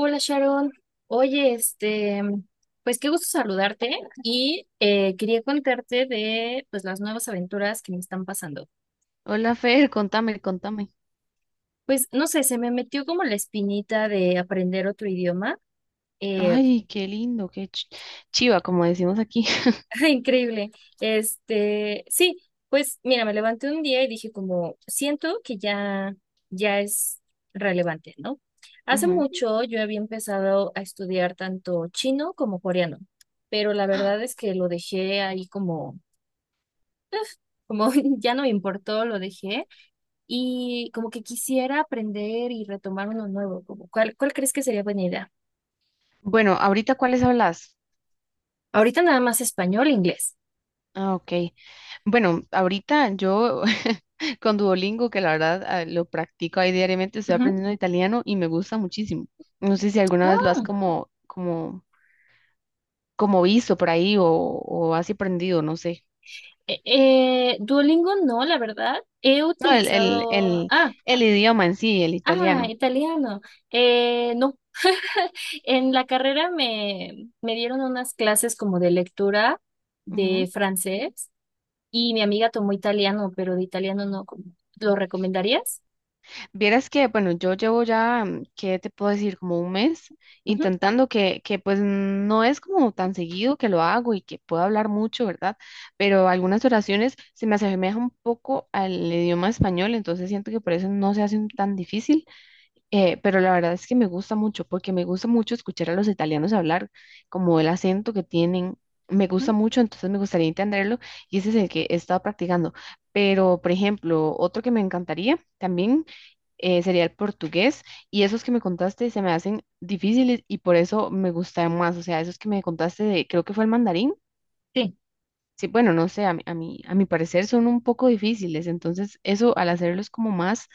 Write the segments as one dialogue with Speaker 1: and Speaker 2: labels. Speaker 1: Hola Sharon, oye, pues qué gusto saludarte y quería contarte de pues las nuevas aventuras que me están pasando.
Speaker 2: Hola Fer, contame, contame.
Speaker 1: Pues no sé, se me metió como la espinita de aprender otro idioma. eh,
Speaker 2: Ay, qué lindo, chiva, como decimos aquí.
Speaker 1: increíble. Este, sí, pues mira, me levanté un día y dije como siento que ya es relevante, ¿no? Hace
Speaker 2: Ujú.
Speaker 1: mucho yo había empezado a estudiar tanto chino como coreano, pero la verdad es que lo dejé ahí como ya no me importó, lo dejé y como que quisiera aprender y retomar uno nuevo, como ¿cuál, cuál crees que sería buena idea?
Speaker 2: Bueno, ahorita ¿cuáles hablas?
Speaker 1: Ahorita nada más español e inglés.
Speaker 2: Ah, ok. Bueno, ahorita yo con Duolingo, que la verdad lo practico ahí diariamente, estoy
Speaker 1: Ujú.
Speaker 2: aprendiendo italiano y me gusta muchísimo. No sé si alguna vez lo has
Speaker 1: Ah,
Speaker 2: como visto por ahí o has aprendido, no sé.
Speaker 1: Duolingo no, la verdad. He
Speaker 2: No,
Speaker 1: utilizado, ah,
Speaker 2: el idioma en sí, el
Speaker 1: ah,
Speaker 2: italiano.
Speaker 1: italiano. No, en la carrera me dieron unas clases como de lectura
Speaker 2: Ujú.
Speaker 1: de francés y mi amiga tomó italiano, pero de italiano no. ¿Cómo? ¿Lo recomendarías?
Speaker 2: Vieras que, bueno, yo llevo ya, ¿qué te puedo decir? Como un mes
Speaker 1: Ujú,
Speaker 2: intentando que pues no es como tan seguido que lo hago y que puedo hablar mucho, ¿verdad? Pero algunas oraciones se me asemejan un poco al idioma español, entonces siento que por eso no se hacen tan difícil, pero la verdad es que me gusta mucho, porque me gusta mucho escuchar a los italianos hablar, como el acento que tienen. Me gusta mucho, entonces me gustaría entenderlo y ese es el que he estado practicando. Pero, por ejemplo, otro que me encantaría también sería el portugués y esos que me contaste se me hacen difíciles y por eso me gustan más, o sea, esos que me contaste de, creo que fue el mandarín,
Speaker 1: ujú.
Speaker 2: sí, bueno, no sé, a mi parecer son un poco difíciles, entonces eso al hacerlos como más,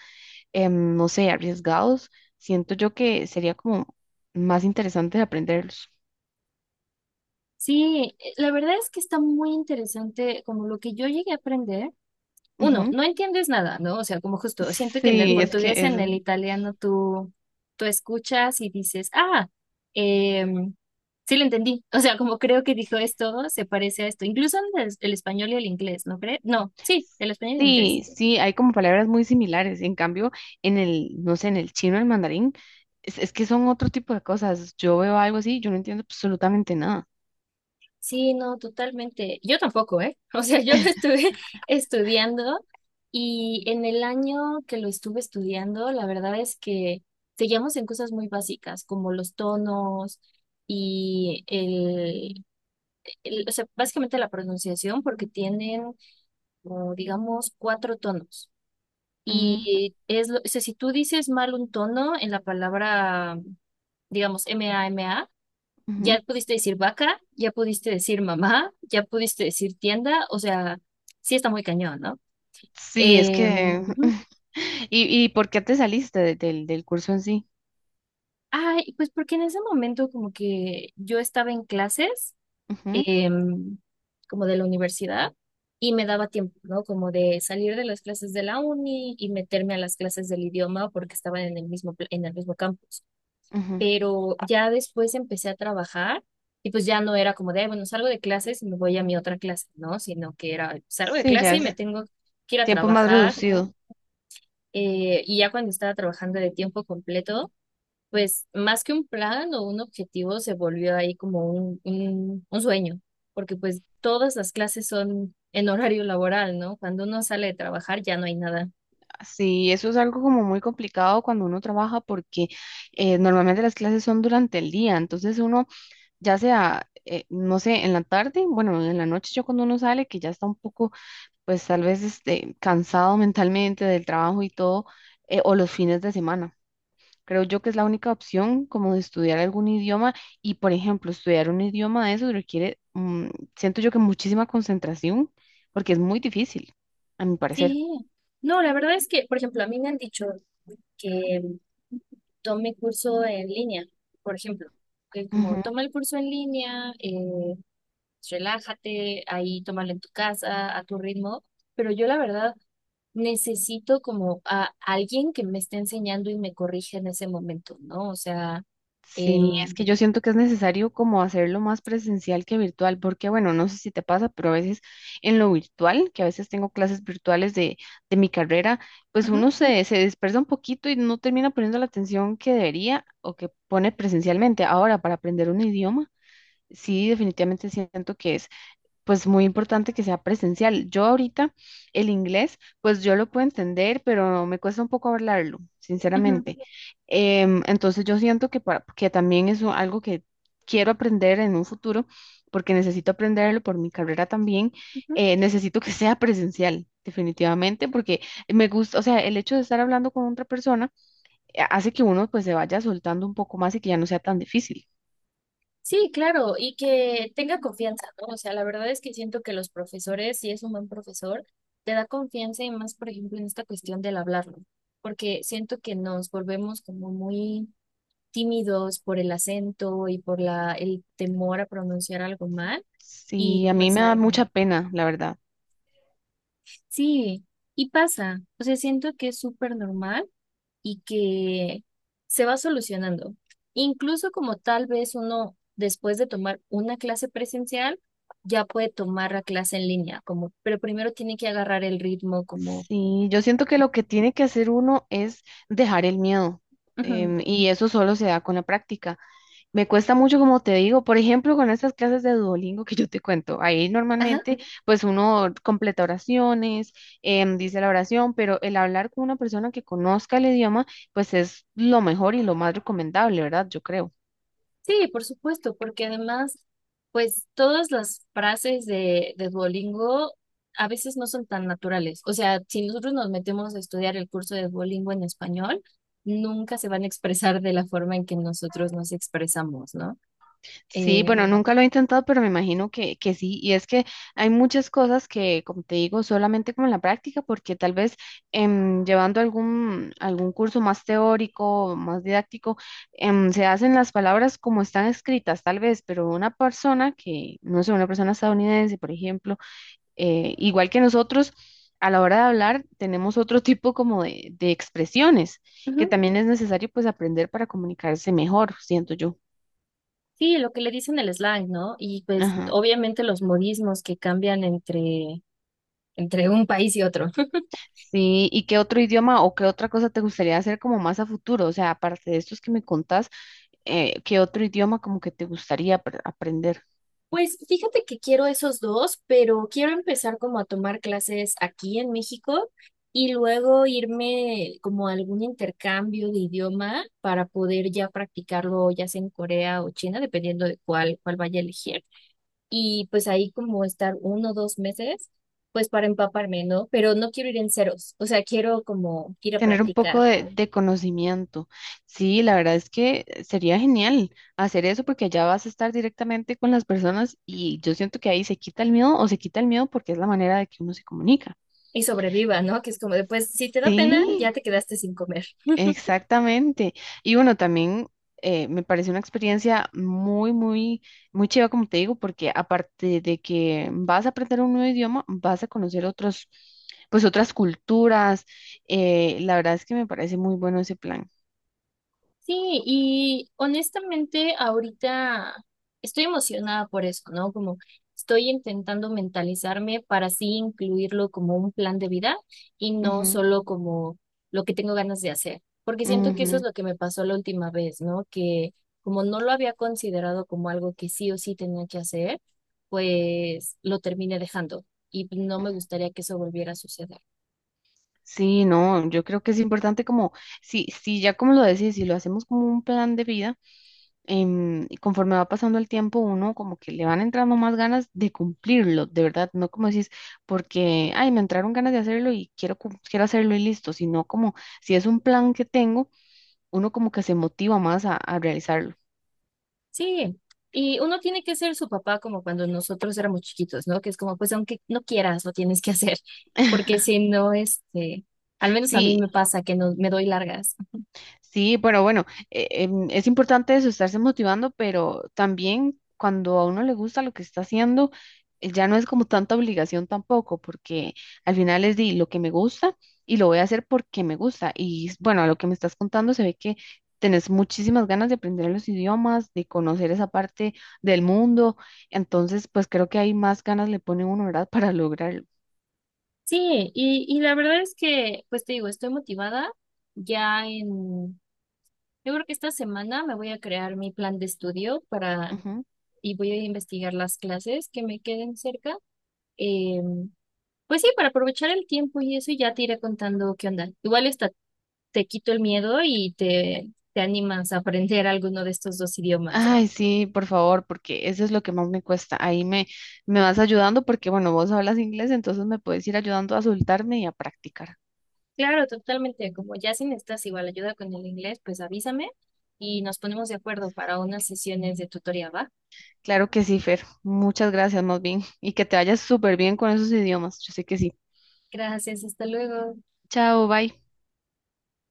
Speaker 2: no sé, arriesgados, siento yo que sería como más interesante de aprenderlos.
Speaker 1: Sí, la verdad es que está muy interesante como lo que yo llegué a aprender. Uno,
Speaker 2: Ujú.
Speaker 1: no entiendes nada, ¿no? O sea, como justo, siento que en el Ujú,
Speaker 2: Sí, es
Speaker 1: portugués,
Speaker 2: que es
Speaker 1: en el italiano, tú escuchas y dices, ah, em, sí lo entendí. O sea, como creo que dijo esto, se parece a esto. Incluso en el español y el inglés, ¿no crees? No, sí, el español y el inglés.
Speaker 2: sí, sí, hay como palabras muy similares. En cambio, en el, no sé, en el chino, el mandarín, es que son otro tipo de cosas. Yo veo algo así, yo no entiendo absolutamente nada.
Speaker 1: Sí, no, totalmente. Yo tampoco, ¿eh? O sea, yo lo estuve estudiando y en el año que lo estuve estudiando, la verdad es que seguíamos en cosas muy básicas, como los tonos y el, o sea, básicamente la pronunciación, porque tienen, como, digamos, cuatro tonos.
Speaker 2: Ujú,
Speaker 1: Y es, o sea, si tú dices mal un tono en la palabra, digamos, mama,
Speaker 2: ujú.
Speaker 1: ya pudiste decir vaca, ya pudiste decir mamá, ya pudiste decir tienda, o sea, sí está muy cañón, ¿no?
Speaker 2: Sí, es que...
Speaker 1: Ujú.
Speaker 2: ¿Y, y por qué te saliste del curso en sí?
Speaker 1: Ay, pues porque en ese momento como que yo estaba en clases,
Speaker 2: Ujú,
Speaker 1: em, como de la universidad, y me daba tiempo, ¿no? Como de salir de las clases de la uni y meterme a las clases del idioma porque estaban en el mismo, en el mismo campus.
Speaker 2: ujú.
Speaker 1: Pero ya después empecé a trabajar y pues ya no era como de: "Ay, bueno, salgo de clases y me voy a mi otra clase, ¿no?". Sino que era, salgo de
Speaker 2: Sí, ya
Speaker 1: clase y me
Speaker 2: es
Speaker 1: tengo que ir a
Speaker 2: tiempo más
Speaker 1: trabajar.
Speaker 2: reducido.
Speaker 1: Y ya cuando estaba trabajando de tiempo completo, pues más que un plan o un objetivo, se volvió ahí como un sueño, porque pues todas las clases son en horario laboral, ¿no? Cuando uno sale de trabajar ya no hay nada.
Speaker 2: Sí, eso es algo como muy complicado cuando uno trabaja porque normalmente las clases son durante el día, entonces uno ya sea, no sé, en la tarde, bueno, en la noche yo cuando uno sale, que ya está un poco, pues tal vez este, cansado mentalmente del trabajo y todo, o los fines de semana. Creo yo que es la única opción como de estudiar algún idioma y, por ejemplo, estudiar un idioma de eso requiere, siento yo que muchísima concentración, porque es muy difícil, a mi parecer.
Speaker 1: Sí, no, la verdad es que, por ejemplo, a mí me han dicho que tome curso en línea, por ejemplo, que como toma el curso en línea, relájate, ahí tómalo en tu casa, a tu ritmo, pero yo la verdad necesito como a alguien que me esté enseñando y me corrija en ese momento, ¿no? O sea,
Speaker 2: Sí, es
Speaker 1: em,
Speaker 2: que yo siento que es necesario como hacerlo más presencial que virtual, porque bueno, no sé si te pasa, pero a veces en lo virtual, que a veces tengo clases virtuales de mi carrera, pues uno
Speaker 1: ujú,
Speaker 2: se dispersa un poquito y no termina poniendo la atención que debería o que pone presencialmente. Ahora, para aprender un idioma, sí, definitivamente siento que es pues muy importante que sea presencial. Yo ahorita el inglés, pues yo lo puedo entender, pero me cuesta un poco hablarlo,
Speaker 1: ujú,
Speaker 2: sinceramente. Entonces yo siento que, para, que también algo que quiero aprender en un futuro, porque necesito aprenderlo por mi carrera también.
Speaker 1: ujú.
Speaker 2: Necesito que sea presencial. Definitivamente, porque me gusta, o sea, el hecho de estar hablando con otra persona hace que uno pues se vaya soltando un poco más y que ya no sea tan difícil.
Speaker 1: Sí, claro, y que tenga confianza, ¿no? O sea, la verdad es que siento que los profesores, si es un buen profesor, te da confianza y más, por ejemplo, en esta cuestión del hablarlo, porque siento que nos volvemos como muy tímidos por el acento y por la, el temor a pronunciar algo mal. Y
Speaker 2: Sí, a mí
Speaker 1: pues
Speaker 2: me da
Speaker 1: ay,
Speaker 2: mucha pena, la verdad.
Speaker 1: sí, y pasa. O sea, siento que es súper normal y que se va solucionando. Incluso como tal vez uno, después de tomar una clase presencial, ya puede tomar la clase en línea, como, pero primero tiene que agarrar el ritmo, como,
Speaker 2: Sí, yo siento que lo que tiene que hacer uno es dejar el miedo.
Speaker 1: ujú,
Speaker 2: Y eso solo se da con la práctica. Me cuesta mucho, como te digo, por ejemplo, con estas clases de Duolingo que yo te cuento. Ahí
Speaker 1: ajá.
Speaker 2: normalmente, pues uno completa oraciones, dice la oración, pero el hablar con una persona que conozca el idioma, pues es lo mejor y lo más recomendable, ¿verdad? Yo creo.
Speaker 1: Sí, por supuesto, porque además, pues todas las frases de Duolingo a veces no son tan naturales. O sea, si nosotros nos metemos a estudiar el curso de Duolingo en español, nunca se van a expresar de la forma en que nosotros nos expresamos, ¿no?
Speaker 2: Sí,
Speaker 1: Eh,
Speaker 2: bueno, nunca lo he intentado, pero me imagino que sí. Y es que hay muchas cosas que, como te digo, solamente como en la práctica, porque tal vez llevando algún, algún curso más teórico, más didáctico, se hacen las palabras como están escritas, tal vez, pero una persona que, no sé, una persona estadounidense, por ejemplo, igual que nosotros, a la hora de hablar, tenemos otro tipo como de expresiones, que
Speaker 1: ujú.
Speaker 2: también es necesario pues aprender para comunicarse mejor, siento yo.
Speaker 1: Sí, lo que le dicen el slang, ¿no? Y pues
Speaker 2: Ajá.
Speaker 1: obviamente los modismos que cambian entre, entre un país y otro.
Speaker 2: Sí, ¿y qué otro idioma o qué otra cosa te gustaría hacer como más a futuro? O sea, aparte de estos que me contás, ¿qué otro idioma como que te gustaría aprender?
Speaker 1: Pues fíjate que quiero esos dos, pero quiero empezar como a tomar clases aquí en México y luego irme como a algún intercambio de idioma para poder ya practicarlo ya sea en Corea o China, dependiendo de cuál, cuál vaya a elegir. Y pues ahí como estar uno o dos meses, pues para empaparme, ¿no? Pero no quiero ir en ceros, o sea, quiero como ir a
Speaker 2: Tener un poco
Speaker 1: practicar
Speaker 2: de conocimiento. Sí, la verdad es que sería genial hacer eso porque allá vas a estar directamente con las personas y yo siento que ahí se quita el miedo o se quita el miedo porque es la manera de que uno se comunica.
Speaker 1: y sobreviva, ¿no? Que es como después, si te da pena,
Speaker 2: Sí.
Speaker 1: ya te quedaste sin comer.
Speaker 2: Exactamente. Y bueno, también me pareció una experiencia muy, muy, muy chiva, como te digo, porque aparte de que vas a aprender un nuevo idioma, vas a conocer otros, pues otras culturas. La verdad es que me parece muy bueno ese plan.
Speaker 1: Sí, y honestamente ahorita estoy emocionada por eso, ¿no? Como estoy intentando mentalizarme para así incluirlo como un plan de vida y no
Speaker 2: Ujú,
Speaker 1: solo como lo que tengo ganas de hacer, porque siento que eso es
Speaker 2: ujú.
Speaker 1: lo que me pasó la última vez, ¿no? Que como no lo había considerado como algo que sí o sí tenía que hacer, pues lo terminé dejando y no me gustaría que eso volviera a suceder.
Speaker 2: Sí, no, yo creo que es importante como, si, si ya como lo decís, si lo hacemos como un plan de vida. Y conforme va pasando el tiempo, uno como que le van entrando más ganas de cumplirlo, de verdad, no como decís, porque, ay, me entraron ganas de hacerlo y quiero, quiero hacerlo y listo, sino como si es un plan que tengo, uno como que se motiva más a realizarlo.
Speaker 1: Sí, y uno tiene que ser su papá como cuando nosotros éramos chiquitos, ¿no? Que es como, pues aunque no quieras, lo tienes que hacer, porque si no, este, al menos a mí
Speaker 2: Sí,
Speaker 1: me pasa que no me doy largas.
Speaker 2: sí, pero bueno, es importante eso, estarse motivando, pero también cuando a uno le gusta lo que está haciendo, ya no es como tanta obligación tampoco, porque al final es di lo que me gusta y lo voy a hacer porque me gusta. Y bueno, a lo que me estás contando se ve que tenés muchísimas ganas de aprender los idiomas, de conocer esa parte del mundo, entonces pues creo que hay más ganas le pone uno, ¿verdad? Para lograrlo.
Speaker 1: Sí, y la verdad es que, pues te digo, estoy motivada. Ya en, yo creo que esta semana me voy a crear mi plan de estudio para, y voy a investigar las clases que me queden cerca. em, Pues sí, para aprovechar el tiempo y eso y ya te iré contando qué onda. Igual está, te quito el miedo y te animas a aprender alguno de estos dos idiomas, ¿no?
Speaker 2: Ay, sí, por favor, porque eso es lo que más me cuesta. Ahí me, me vas ayudando porque, bueno, vos hablas inglés, entonces me puedes ir ayudando a soltarme y a practicar.
Speaker 1: Claro, totalmente. Como ya si necesitas igual ayuda con el inglés, pues avísame y nos ponemos de acuerdo para unas sesiones de tutoría, ¿va?
Speaker 2: Claro que sí, Fer. Muchas gracias, más bien. Y que te vayas súper bien con esos idiomas. Yo sé que sí.
Speaker 1: Gracias, hasta luego.
Speaker 2: Chao, bye.